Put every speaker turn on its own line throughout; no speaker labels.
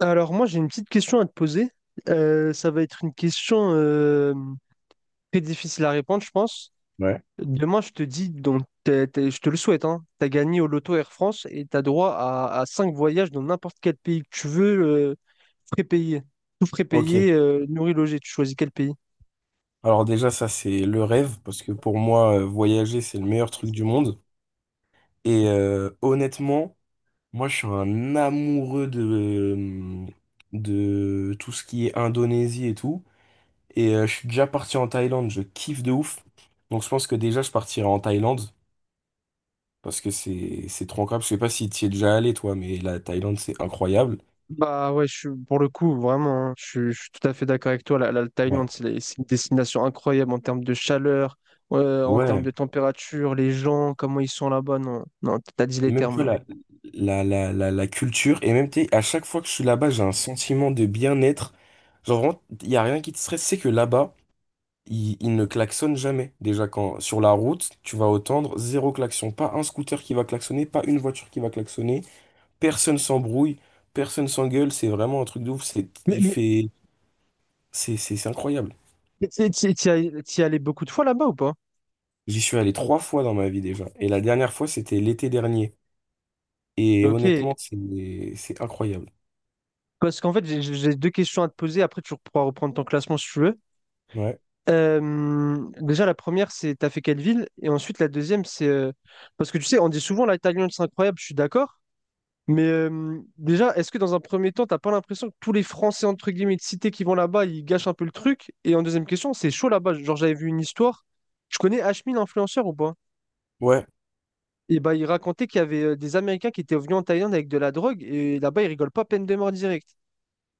Alors moi j'ai une petite question à te poser. Ça va être une question très difficile à répondre, je pense.
Ouais.
Demain, je te dis, donc je te le souhaite, hein, tu as gagné au loto Air France et tu as droit à 5 voyages dans n'importe quel pays que tu veux, euh, prépayé. Tout
Ok.
prépayé, nourri, logé. Tu choisis quel pays?
Alors déjà, ça, c'est le rêve, parce que pour moi, voyager, c'est le meilleur truc du monde. Et honnêtement, moi, je suis un amoureux de tout ce qui est Indonésie et tout. Et je suis déjà parti en Thaïlande, je kiffe de ouf. Donc je pense que déjà, je partirai en Thaïlande, parce que c'est trop incroyable. Je sais pas si tu y es déjà allé, toi, mais la Thaïlande, c'est incroyable.
Bah ouais, je suis, pour le coup, vraiment, hein, je suis tout à fait d'accord avec toi. La
Ouais.
Thaïlande, c'est une destination incroyable en termes de chaleur, en termes
Ouais,
de température, les gens, comment ils sont là-bas. Non, non, t'as dit
et
les
même, tu
termes
vois,
là.
la culture, et même, tu sais, à chaque fois que je suis là-bas, j'ai un sentiment de bien-être. Genre, vraiment, il n'y a rien qui te stresse, c'est que là-bas, ils ne klaxonnent jamais. Déjà, quand sur la route, tu vas entendre zéro klaxon. Pas un scooter qui va klaxonner, pas une voiture qui va klaxonner. Personne s'embrouille, personne s'engueule. C'est vraiment un truc de ouf. C'est, il
Mais
fait, c'est incroyable.
t'y es allé beaucoup de fois là-bas ou pas?
J'y suis allé trois fois dans ma vie déjà. Et la dernière fois, c'était l'été dernier. Et
Ok,
honnêtement, c'est incroyable.
parce qu'en fait, j'ai deux questions à te poser. Après, tu pourras reprendre ton classement si tu veux.
Ouais.
Déjà, la première, c'est t'as fait quelle ville? Et ensuite, la deuxième, c'est parce que tu sais, on dit souvent la Thaïlande, c'est incroyable, je suis d'accord. Mais déjà, est-ce que dans un premier temps, t'as pas l'impression que tous les Français, entre guillemets, de cité qui vont là-bas, ils gâchent un peu le truc? Et en deuxième question, c'est chaud là-bas. Genre, j'avais vu une histoire. Je connais Ashmin, l'influenceur ou pas?
Ouais.
Et bah, il racontait qu'il y avait des Américains qui étaient venus en Thaïlande avec de la drogue et là-bas, ils rigolent pas, peine de mort directe.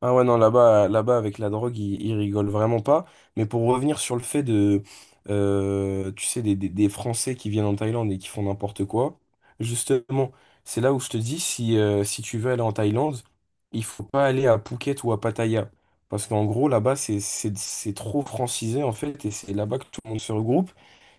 Ah ouais, non, là-bas, avec la drogue, ils rigolent vraiment pas. Mais pour revenir sur le fait de, tu sais, des Français qui viennent en Thaïlande et qui font n'importe quoi, justement, c'est là où je te dis, si tu veux aller en Thaïlande, il faut pas aller à Phuket ou à Pattaya. Parce qu'en gros, là-bas, c'est trop francisé, en fait, et c'est là-bas que tout le monde se regroupe.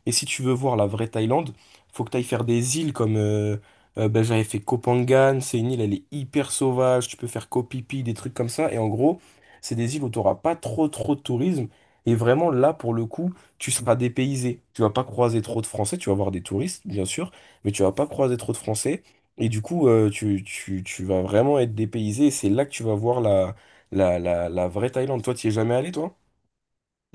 Et si tu veux voir la vraie Thaïlande, faut que tu ailles faire des îles comme ben, j'avais fait Koh Phangan, c'est une île, elle est hyper sauvage, tu peux faire Koh Phi Phi, des trucs comme ça. Et en gros, c'est des îles où tu n'auras pas trop trop de tourisme. Et vraiment, là, pour le coup, tu seras dépaysé. Tu vas pas croiser trop de Français, tu vas voir des touristes, bien sûr, mais tu vas pas croiser trop de Français. Et du coup, tu vas vraiment être dépaysé. Et c'est là que tu vas voir la vraie Thaïlande. Toi, tu es jamais allé, toi?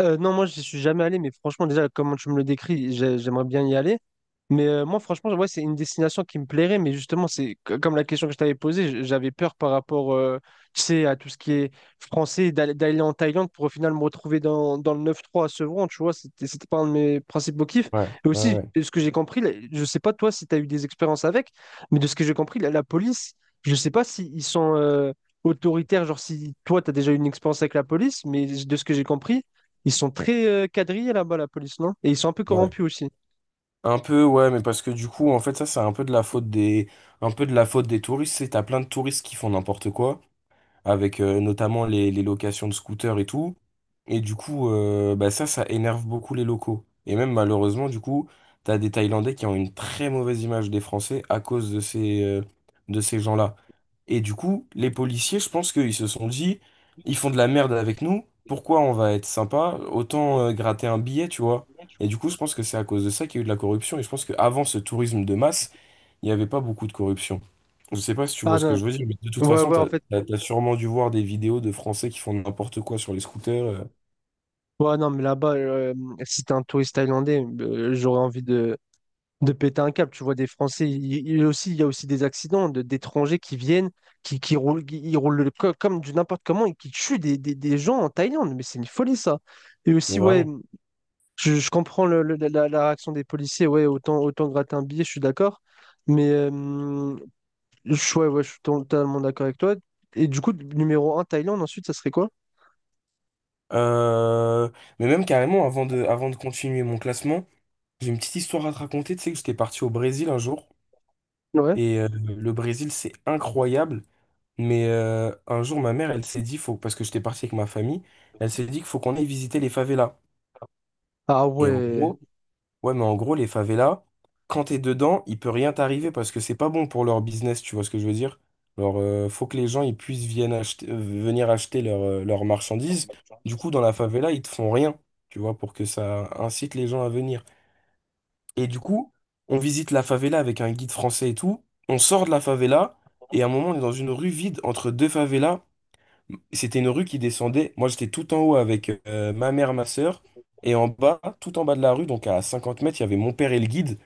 Non, moi, je suis jamais allé, mais franchement, déjà, comment tu me le décris, j'aimerais bien y aller. Mais moi, franchement, ouais, c'est une destination qui me plairait, mais justement, comme la question que je t'avais posée, j'avais peur par rapport, tu sais, à tout ce qui est français, d'aller en Thaïlande pour au final me retrouver dans le neuf trois à Sevran, tu vois, c'était pas un de mes principaux kiffs.
Ouais,
Et
ouais,
aussi,
ouais.
ce que j'ai compris, là, je sais pas toi si tu as eu des expériences avec, mais de ce que j'ai compris, la police, je sais pas s'ils sont autoritaires, genre si toi, tu as déjà eu une expérience avec la police, mais de ce que j'ai compris, ils sont très quadrillés là-bas, la police, non? Et ils sont un peu
Ouais.
corrompus aussi.
Un peu, ouais, mais parce que du coup, en fait, ça, c'est un peu de la faute des, un peu de la faute des touristes. C'est, t'as plein de touristes qui font n'importe quoi avec notamment les locations de scooters et tout. Et du coup, bah ça, ça énerve beaucoup les locaux. Et même malheureusement, du coup, t'as des Thaïlandais qui ont une très mauvaise image des Français à cause de de ces gens-là. Et du coup, les policiers, je pense qu'ils se sont dit, ils font de la merde avec nous, pourquoi on va être sympa? Autant gratter un billet, tu vois. Et du coup, je pense que c'est à cause de ça qu'il y a eu de la corruption. Et je pense qu'avant ce tourisme de masse, il n'y avait pas beaucoup de corruption. Je sais pas si tu
Ah
vois ce que
non.
je veux dire, mais de toute
Ouais,
façon,
ouais, en fait.
t'as sûrement dû voir des vidéos de Français qui font n'importe quoi sur les scooters,
Ouais, non, mais là-bas, si t'es un touriste thaïlandais, j'aurais envie de péter un câble. Tu vois des Français, il y a aussi des accidents d'étrangers qui viennent, qui roulent, ils roulent comme du n'importe comment et qui tuent des, des gens en Thaïlande. Mais c'est une folie ça. Et
mais
aussi, ouais,
vraiment.
je comprends la réaction des policiers. Ouais, autant, autant gratter un billet, je suis d'accord. Mais ouais, ouais, je suis totalement d'accord avec toi. Et du coup, numéro un Thaïlande, ensuite, ça serait quoi?
Euh, mais même carrément, avant de continuer mon classement, j'ai une petite histoire à te raconter. Tu sais que j'étais parti au Brésil un jour,
Ouais.
et le Brésil, c'est incroyable, mais un jour, ma mère, elle s'est dit, faut, parce que j'étais parti avec ma famille, elle s'est dit qu'il faut qu'on aille visiter les favelas.
Ah
Et en
ouais.
gros, Ouais, mais en gros, les favelas, quand t'es dedans, il peut rien t'arriver parce que c'est pas bon pour leur business, tu vois ce que je veux dire? Alors, faut que les gens ils puissent viennent acheter, venir acheter leurs leurs marchandises. Du coup, dans la favela, ils te font rien, tu vois, pour que ça incite les gens à venir. Et du coup, on visite la favela avec un guide français et tout. On sort de la favela et à un moment, on est dans une rue vide entre deux favelas. C'était une rue qui descendait. Moi, j'étais tout en haut avec ma mère, ma sœur. Et en bas, tout en bas de la rue, donc à 50 mètres, il y avait mon père et le guide.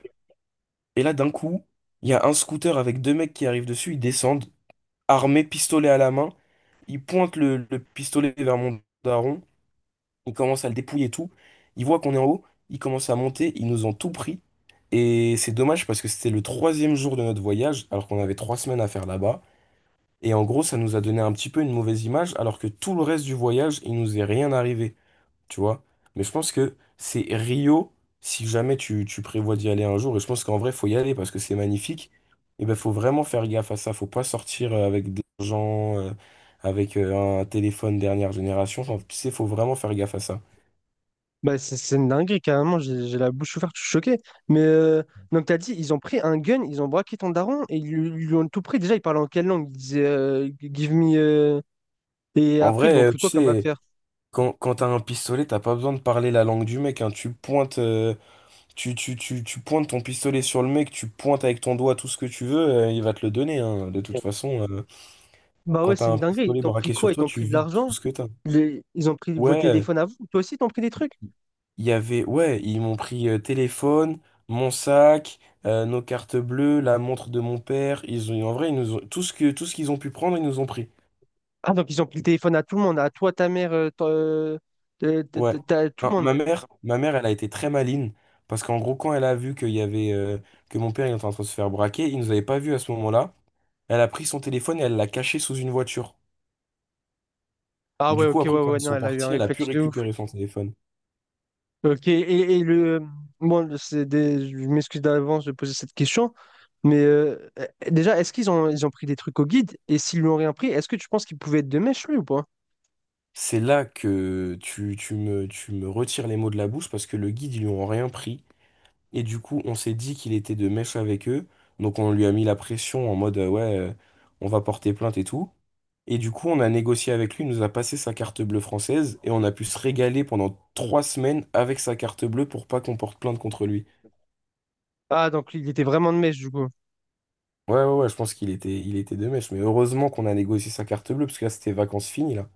Et là, d'un coup, il y a un scooter avec deux mecs qui arrivent dessus, ils descendent, armés, pistolet à la main. Ils pointent le pistolet vers mon daron, ils commencent à le dépouiller et tout. Ils voient qu'on est en haut, ils commencent à monter, ils nous ont tout pris. Et c'est dommage parce que c'était le troisième jour de notre voyage, alors qu'on avait trois semaines à faire là-bas. Et en gros, ça nous a donné un petit peu une mauvaise image, alors que tout le reste du voyage, il nous est rien arrivé tu vois. Mais je pense que c'est Rio, si jamais tu prévois d'y aller un jour, et je pense qu'en vrai, faut y aller parce que c'est magnifique, et ben faut vraiment faire gaffe à ça, faut pas sortir avec de l'argent, avec un téléphone dernière génération. Enfin, tu sais, faut vraiment faire gaffe à ça.
Bah, c'est une dinguerie, carrément, j'ai la bouche ouverte, je suis choqué. Mais donc, t'as dit, ils ont pris un gun, ils ont braqué ton daron et ils lui ont tout pris. Déjà, ils parlaient en quelle langue? Ils disaient Give me, et
En
après, ils
vrai,
lui ont pris
tu
quoi comme
sais,
affaire?
quand t'as un pistolet, t'as pas besoin de parler la langue du mec, hein. Tu pointes ton pistolet sur le mec, tu pointes avec ton doigt tout ce que tu veux, il va te le donner, hein. De toute façon,
Bah
quand
ouais,
t'as
c'est
un
une dinguerie. Ils
pistolet
t'ont pris
braqué sur
quoi? Ils
toi,
t'ont
tu
pris de
vides tout
l'argent?
ce que t'as.
Ils ont pris vos
Ouais,
téléphones à vous? Toi aussi, ils t'ont pris des trucs?
ouais, ils m'ont pris téléphone, mon sac, nos cartes bleues, la montre de mon père. En vrai, ils nous ont, tout ce qu'ils ont pu prendre, ils nous ont pris.
Ah, donc ils ont pris le téléphone à tout le monde, à toi, ta mère,
Ouais.
tout le
Non,
monde.
ma mère, elle a été très maligne parce qu'en gros, quand elle a vu qu'il y avait, que mon père il était en train de se faire braquer, il nous avait pas vus à ce moment-là. Elle a pris son téléphone et elle l'a caché sous une voiture.
Ah ouais,
Du
ok,
coup,
ouais,
après, quand
ouais,
ils
non,
sont
elle a eu un
partis, elle a pu
réflexe de ouf.
récupérer son téléphone.
Ok, et le. Bon, c'est des... je m'excuse d'avance de poser cette question, mais déjà, est-ce qu'ils ont pris des trucs au guide? Et s'ils lui ont rien pris, est-ce que tu penses qu'il pouvait être de mèche, lui, ou pas?
C'est là que tu me retires les mots de la bouche parce que le guide, ils lui ont rien pris. Et du coup, on s'est dit qu'il était de mèche avec eux. Donc on lui a mis la pression en mode on va porter plainte et tout. Et du coup, on a négocié avec lui, il nous a passé sa carte bleue française et on a pu se régaler pendant trois semaines avec sa carte bleue pour pas qu'on porte plainte contre lui.
Ah, donc il était vraiment de mèche, du coup.
Ouais, ouais, ouais, je pense qu'il était de mèche. Mais heureusement qu'on a négocié sa carte bleue parce que là, c'était vacances finies, là.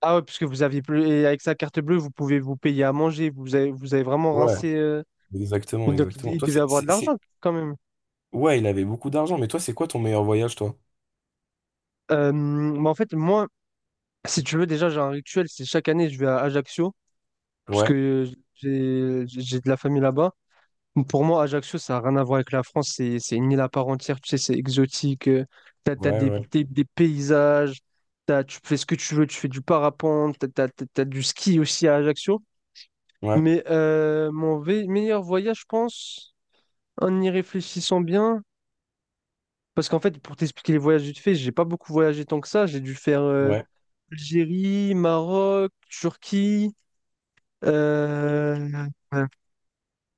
Ah ouais, puisque vous aviez plus. Et avec sa carte bleue, vous pouvez vous payer à manger. Vous avez vraiment
Ouais,
rincé, euh,
exactement,
mais donc,
exactement.
il
Toi,
devait avoir de
c'est-
l'argent quand même.
Ouais, il avait beaucoup d'argent, mais toi, c'est quoi ton meilleur voyage, toi?
Mais en fait, moi, si tu veux, déjà, j'ai un rituel. C'est chaque année, je vais à Ajaccio. Parce
Ouais,
que j'ai de la famille là-bas. Donc, pour moi, Ajaccio, ça n'a rien à voir avec la France. C'est une île à part entière. Tu sais, c'est exotique. T'as
ouais, ouais,
des,
ouais,
des paysages. T'as, tu fais ce que tu veux. Tu fais du parapente. T'as du ski aussi à Ajaccio.
ouais,
Mais mon meilleur voyage, je pense. En y réfléchissant bien, parce qu'en fait, pour t'expliquer les voyages vite fait, j'ai pas beaucoup voyagé tant que ça. J'ai dû faire
ouais,
Algérie, Maroc, Turquie. euh, euh,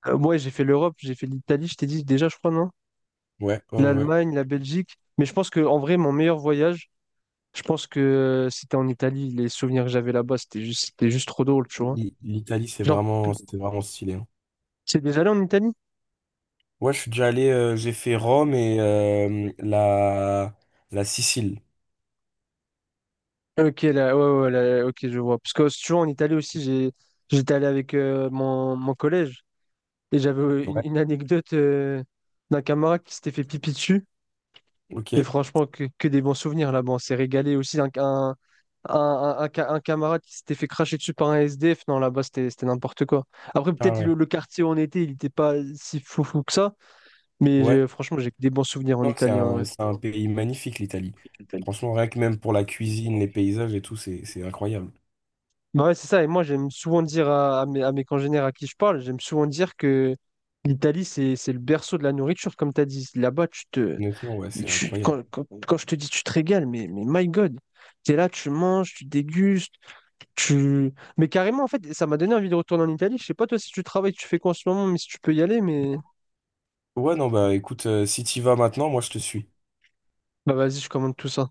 ouais, j'ai fait l'Europe, j'ai fait l'Italie, je t'ai dit déjà, je crois, non?
ouais, ouais. Ouais. Ouais.
L'Allemagne, la Belgique. Mais je pense que en vrai, mon meilleur voyage, je pense que c'était en Italie. Les souvenirs que j'avais là-bas, c'était juste trop drôle, tu vois.
L- L'Italie, c'est
Genre,
vraiment, c'était vraiment stylé, hein.
c'est déjà allé en Italie?
Ouais, je suis déjà allé, j'ai fait Rome et la Sicile.
Ok, là, ouais, ouais, là, ok, je vois. Parce que si tu vois, en Italie aussi, j'étais allé avec mon collège. Et j'avais
Ouais,
une anecdote d'un camarade qui s'était fait pipi dessus. Et
ok.
franchement, que des bons souvenirs là-bas. On s'est régalé aussi. Un camarade qui s'était fait cracher dessus par un SDF. Non, là-bas, c'était n'importe quoi. Après,
Ah
peut-être
ouais.
le quartier où on était, il n'était pas si fou fou que ça. Mais
Ouais.
j'ai- franchement, j'ai que des bons souvenirs en
Non,
Italie en vrai.
c'est un pays magnifique, l'Italie. Franchement, rien que même pour la cuisine, les paysages et tout, c'est incroyable.
Bah ouais, c'est ça. Et moi, j'aime souvent dire à mes congénères à qui je parle, j'aime souvent dire que l'Italie, c'est le berceau de la nourriture, comme tu as dit. Là-bas, tu te,
Honnêtement, ouais,
Mais
c'est
tu,
incroyable.
quand, quand- quand je te dis tu te régales, mais my God, t'es là, tu manges, tu dégustes, tu... Mais carrément, en fait, ça m'a donné envie de retourner en Italie. Je sais pas toi si tu travailles, tu fais quoi en ce moment, mais si tu peux y aller, mais...
Ouais, non, bah écoute, si t'y vas maintenant, moi je te suis.
Bah vas-y, je commande tout ça.